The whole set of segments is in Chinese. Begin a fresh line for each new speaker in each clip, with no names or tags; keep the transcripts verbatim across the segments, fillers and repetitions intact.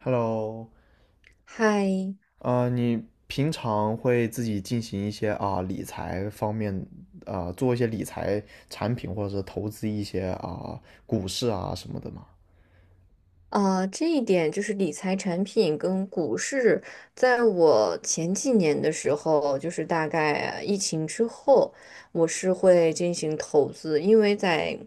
Hello,
嗨，
呃，你平常会自己进行一些啊、理财方面啊、做一些理财产品或者是投资一些啊、股市啊什么的吗？
啊，这一点就是理财产品跟股市，在我前几年的时候，就是大概疫情之后，我是会进行投资，因为在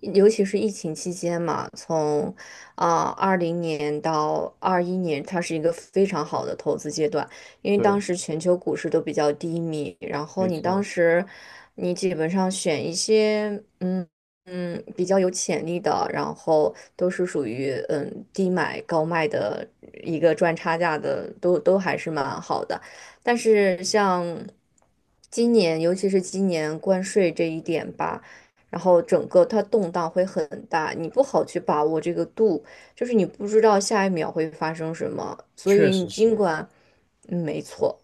尤其是疫情期间嘛，从啊二零年到二一年，它是一个非常好的投资阶段，因为当
对，
时全球股市都比较低迷，然后
没
你当
错，
时你基本上选一些。嗯。嗯，比较有潜力的，然后都是属于嗯低买高卖的一个赚差价的，都都还是蛮好的。但是像今年，尤其是今年关税这一点吧，然后整个它动荡会很大，你不好去把握这个度，就是你不知道下一秒会发生什么，所
确
以你
实
尽
是。
管，嗯，没错。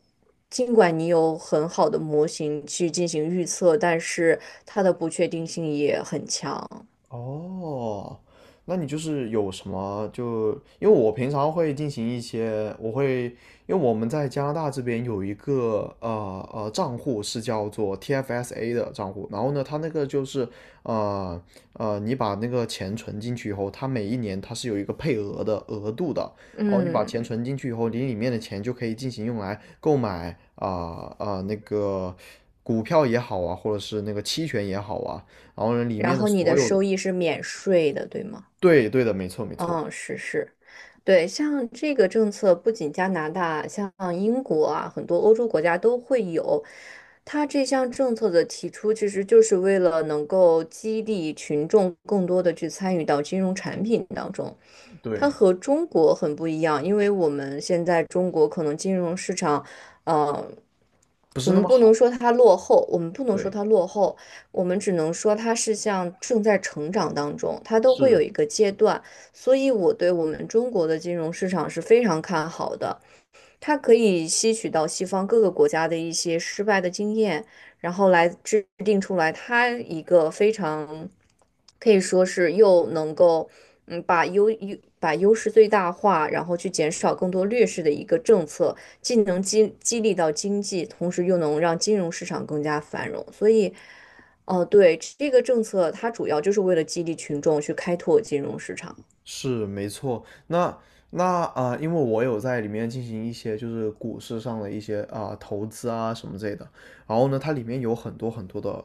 尽管你有很好的模型去进行预测，但是它的不确定性也很强。
哦，那你就是有什么就，因为我平常会进行一些，我会，因为我们在加拿大这边有一个呃呃账户是叫做 T F S A 的账户，然后呢，它那个就是呃呃，你把那个钱存进去以后，它每一年它是有一个配额的额度的，哦，你把
嗯，
钱存进去以后，你里面的钱就可以进行用来购买啊啊、呃呃那个股票也好啊，或者是那个期权也好啊。然后呢，里
然
面的
后你
所
的
有的，
收益是免税的，对吗？
对，对的，没错，没错，
嗯，是是，对，像这个政策，不仅加拿大，像英国啊，很多欧洲国家都会有。它这项政策的提出，其实就是为了能够激励群众更多的去参与到金融产品当中。它
对，
和中国很不一样，因为我们现在中国可能金融市场，呃，
不
我
是那
们
么
不能
好，
说它落后，我们不能说
对，
它落后，我们只能说它是像正在成长当中，它都会有
是
一个阶段。所以我对我们中国的金融市场是非常看好的，它可以吸取到西方各个国家的一些失败的经验，然后来制定出来它一个非常可以说是又能够嗯把优优把优势最大化，然后去减少更多劣势的一个政策，既能激激励到经济，同时又能让金融市场更加繁荣，所以。哦，对，这个政策它主要就是为了激励群众去开拓金融市场。
是没错。那那啊、呃因为我有在里面进行一些就是股市上的一些啊、投资啊什么之类的，然后呢，它里面有很多很多的，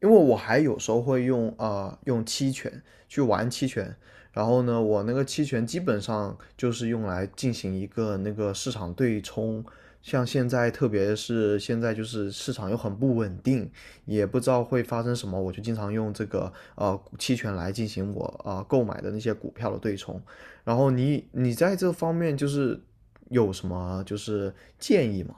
因为我还有时候会用啊、呃用期权去玩期权，然后呢，我那个期权基本上就是用来进行一个那个市场对冲。像现在，特别是现在就是市场又很不稳定，也不知道会发生什么，我就经常用这个呃期权来进行我啊、呃购买的那些股票的对冲。然后你你在这方面就是有什么就是建议吗？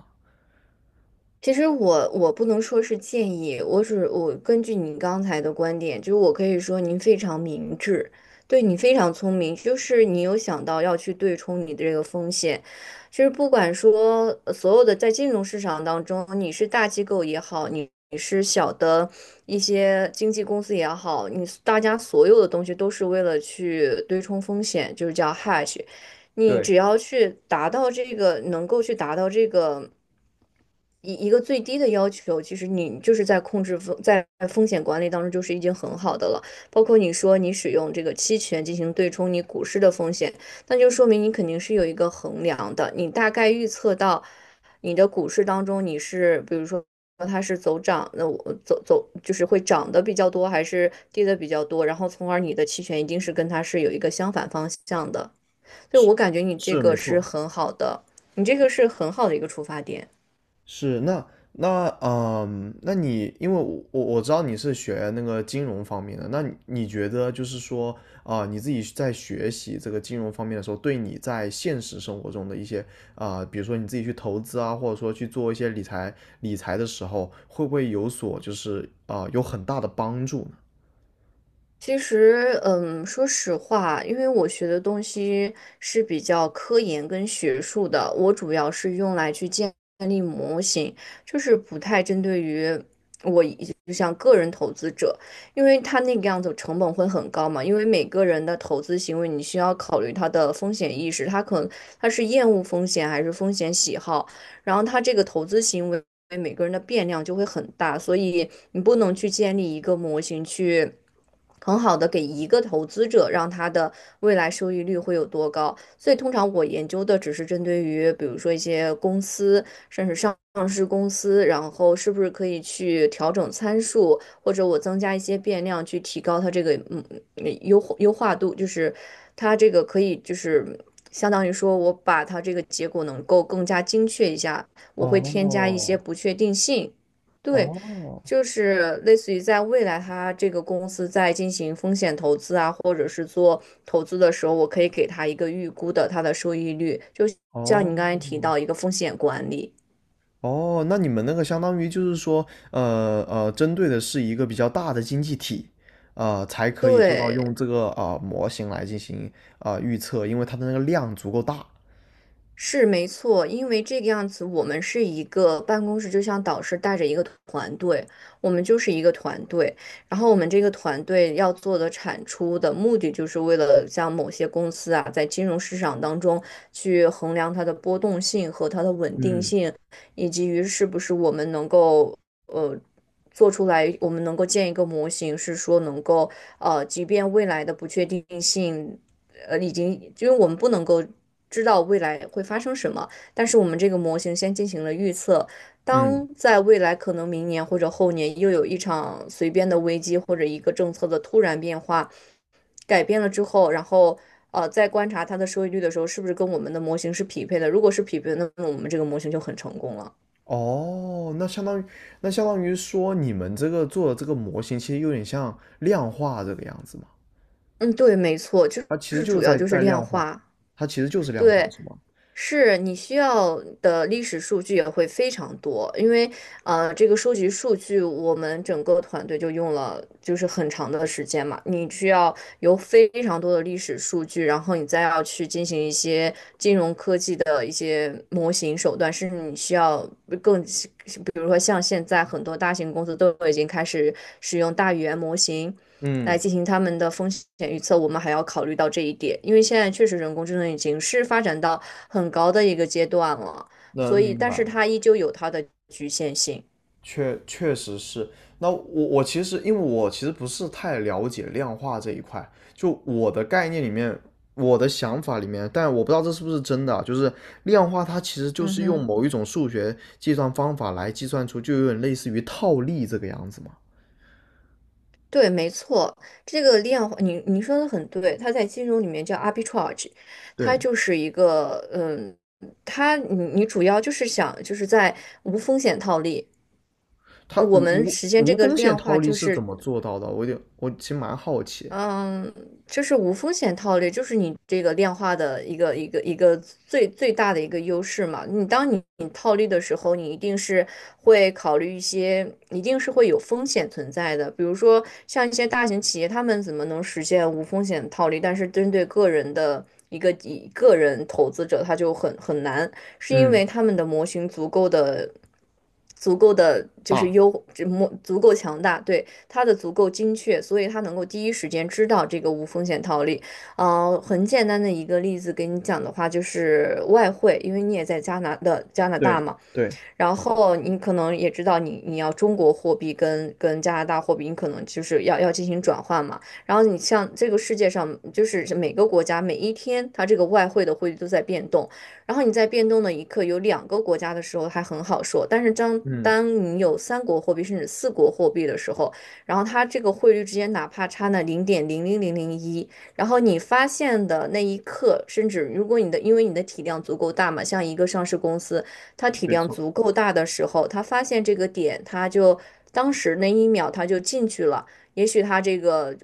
其实我我不能说是建议，我只我根据你刚才的观点，就是我可以说您非常明智，对你非常聪明，就是你有想到要去对冲你的这个风险，就是不管说呃所有的在金融市场当中，你是大机构也好，你你是小的一些经纪公司也好，你大家所有的东西都是为了去对冲风险，就是叫 h a d g e 你
对。
只要去达到这个，能够去达到这个。一一个最低的要求，其实你就是在控制风，在风险管理当中就是已经很好的了。包括你说你使用这个期权进行对冲你股市的风险，那就说明你肯定是有一个衡量的，你大概预测到你的股市当中你是，比如说它是走涨，那我走走就是会涨的比较多，还是跌的比较多，然后从而你的期权一定是跟它是有一个相反方向的。所以我感觉你这
是
个
没
是
错，
很好的，你这个是很好的一个出发点。
是，那那嗯，那你因为我我我知道你是学那个金融方面的，那你你觉得就是说啊、你自己在学习这个金融方面的时候，对你在现实生活中的一些，啊、比如说你自己去投资啊，或者说去做一些理财理财的时候，会不会有所就是啊、有很大的帮助呢？
其实，嗯，说实话，因为我学的东西是比较科研跟学术的，我主要是用来去建立模型，就是不太针对于我一就像个人投资者，因为他那个样子成本会很高嘛，因为每个人的投资行为你需要考虑他的风险意识，他可能他是厌恶风险还是风险喜好。然后他这个投资行为每个人的变量就会很大，所以你不能去建立一个模型去。很好的给一个投资者，让他的未来收益率会有多高。所以通常我研究的只是针对于，比如说一些公司，甚至上市公司，然后是不是可以去调整参数，或者我增加一些变量去提高它这个嗯优优化度，就是它这个可以就是相当于说我把它这个结果能够更加精确一下，我会添加一些
哦
不确定性。对，
哦
就是类似于在未来，它这个公司在进行风险投资啊，或者是做投资的时候，我可以给它一个预估的它的收益率，就像你刚才提
哦。
到一个风险管理。
哦，那你们那个相当于就是说，呃呃，针对的是一个比较大的经济体，呃，才可以做到
对，
用这个呃模型来进行呃预测，因为它的那个量足够大。
是没错，因为这个样子，我们是一个办公室，就像导师带着一个团队，我们就是一个团队。然后我们这个团队要做的产出的目的，就是为了像某些公司啊，在金融市场当中去衡量它的波动性和它的稳定
嗯
性，以及于是不是我们能够呃做出来，我们能够建一个模型，是说能够呃，即便未来的不确定性。呃，已经，因为我们不能够知道未来会发生什么，但是我们这个模型先进行了预测。
嗯，
当在未来可能明年或者后年又有一场随便的危机或者一个政策的突然变化改变了之后，然后呃在观察它的收益率的时候，是不是跟我们的模型是匹配的？如果是匹配的，那么我们这个模型就很成功了。
哦，那相当于那相当于说你们这个做的这个模型，其实有点像量化这个样子嘛，
嗯，对，没错，就
它其实
是
就是
主要
在
就是
在
量
量化，
化。
它其实就是量化，
对，
是吗？
是你需要的历史数据也会非常多，因为呃，这个收集数据，我们整个团队就用了就是很长的时间嘛。你需要有非常多的历史数据，然后你再要去进行一些金融科技的一些模型手段，甚至你需要更，比如说像现在很多大型公司都已经开始使用大语言模型，来
嗯，
进行他们的风险预测，我们还要考虑到这一点，因为现在确实人工智能已经是发展到很高的一个阶段了，所
能
以，
明
但是
白。
它依旧有它的局限性。
确确实是，那我我其实因为我其实不是太了解量化这一块，就我的概念里面，我的想法里面，但我不知道这是不是真的啊，就是量化它其实就
嗯
是用
哼，
某一种数学计算方法来计算出，就有点类似于套利这个样子嘛。
对，没错，这个量化，你你说的很对，它在金融里面叫 arbitrage，它
对，
就是一个，嗯，它你你主要就是想就是在无风险套利。
它无
我们
无
实现这
无
个
风险
量
套
化，
利
就
是怎
是
么做到的？我有点，我其实蛮好奇。
嗯，就是无风险套利，就是你这个量化的一个一个一个最最大的一个优势嘛。你当你你套利的时候，你一定是会考虑一些，一定是会有风险存在的。比如说像一些大型企业，他们怎么能实现无风险套利？但是针对个人的一个一个人投资者，他就很很难，是因
嗯，
为他们的模型足够的。足够的就是
大，
优，这模足够强大，对，它的足够精确，所以它能够第一时间知道这个无风险套利。呃，很简单的一个例子给你讲的话，就是外汇，因为你也在加拿的加拿大
对
嘛。
对，
然后你可能也知道你，你要中国货币跟跟加拿大货币，你可能就是要要进行转换嘛。然后你像这个世界上，就是每个国家每一天，它这个外汇的汇率都在变动。然后你在变动的一刻，有两个国家的时候还很好说，但是当
嗯，
当你有三国货币甚至四国货币的时候，然后它这个汇率之间哪怕差那零点零零零零一，然后你发现的那一刻，甚至如果你的因为你的体量足够大嘛，像一个上市公司。他体
没
量
错。
足够大的时候，他发现这个点，他就当时那一秒他就进去了。也许他这个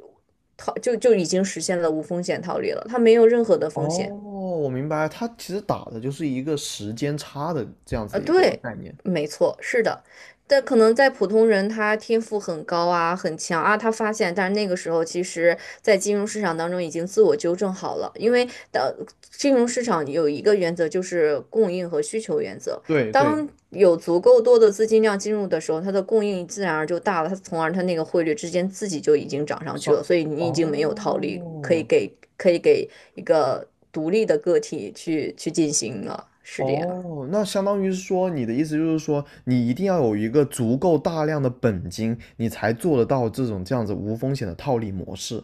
套就就已经实现了无风险套利了，他没有任何的
哦，
风险。
我明白，它其实打的就是一个时间差的这样
啊，
子一个
对，
概念。
没错，是的，但可能在普通人，他天赋很高啊，很强啊，他发现，但是那个时候，其实，在金融市场当中已经自我纠正好了，因为当金融市场有一个原则就是供应和需求原则，
对对，
当有足够多的资金量进入的时候，它的供应自然而就大了，它从而它那个汇率之间自己就已经涨上去
上，
了，所以你已经没有套利可以
哦
给可以给一个独立的个体去去进行了，是这样。
哦，那相当于是说，你的意思就是说，你一定要有一个足够大量的本金，你才做得到这种这样子无风险的套利模式。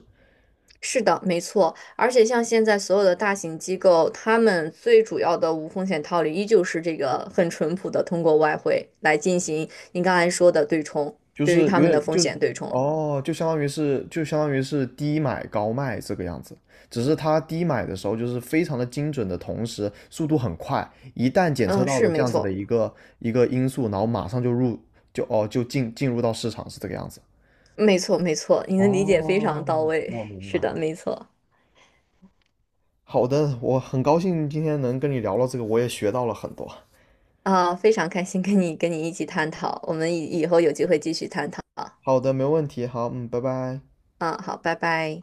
是的，没错，而且像现在所有的大型机构，他们最主要的无风险套利依旧是这个很淳朴的通过外汇来进行您刚才说的对冲，
就
对于
是
他
有
们的
点
风
就是
险对冲。
哦，就相当于是就相当于是低买高卖这个样子，只是它低买的时候就是非常的精准的，同时速度很快，一旦检测
嗯，
到
是
了这
没
样子的
错，
一个一个因素，然后马上就入就哦就进进入到市场是这个样子。
没错，没错，您的理解非常到
哦，
位。
我明白
是的，
了。
没错。
好的，我很高兴今天能跟你聊到这个，我也学到了很多。
啊，非常开心跟你跟你一起探讨，我们以以后有机会继续探讨啊。
好的，没问题。好，嗯，拜拜。
嗯，好，拜拜。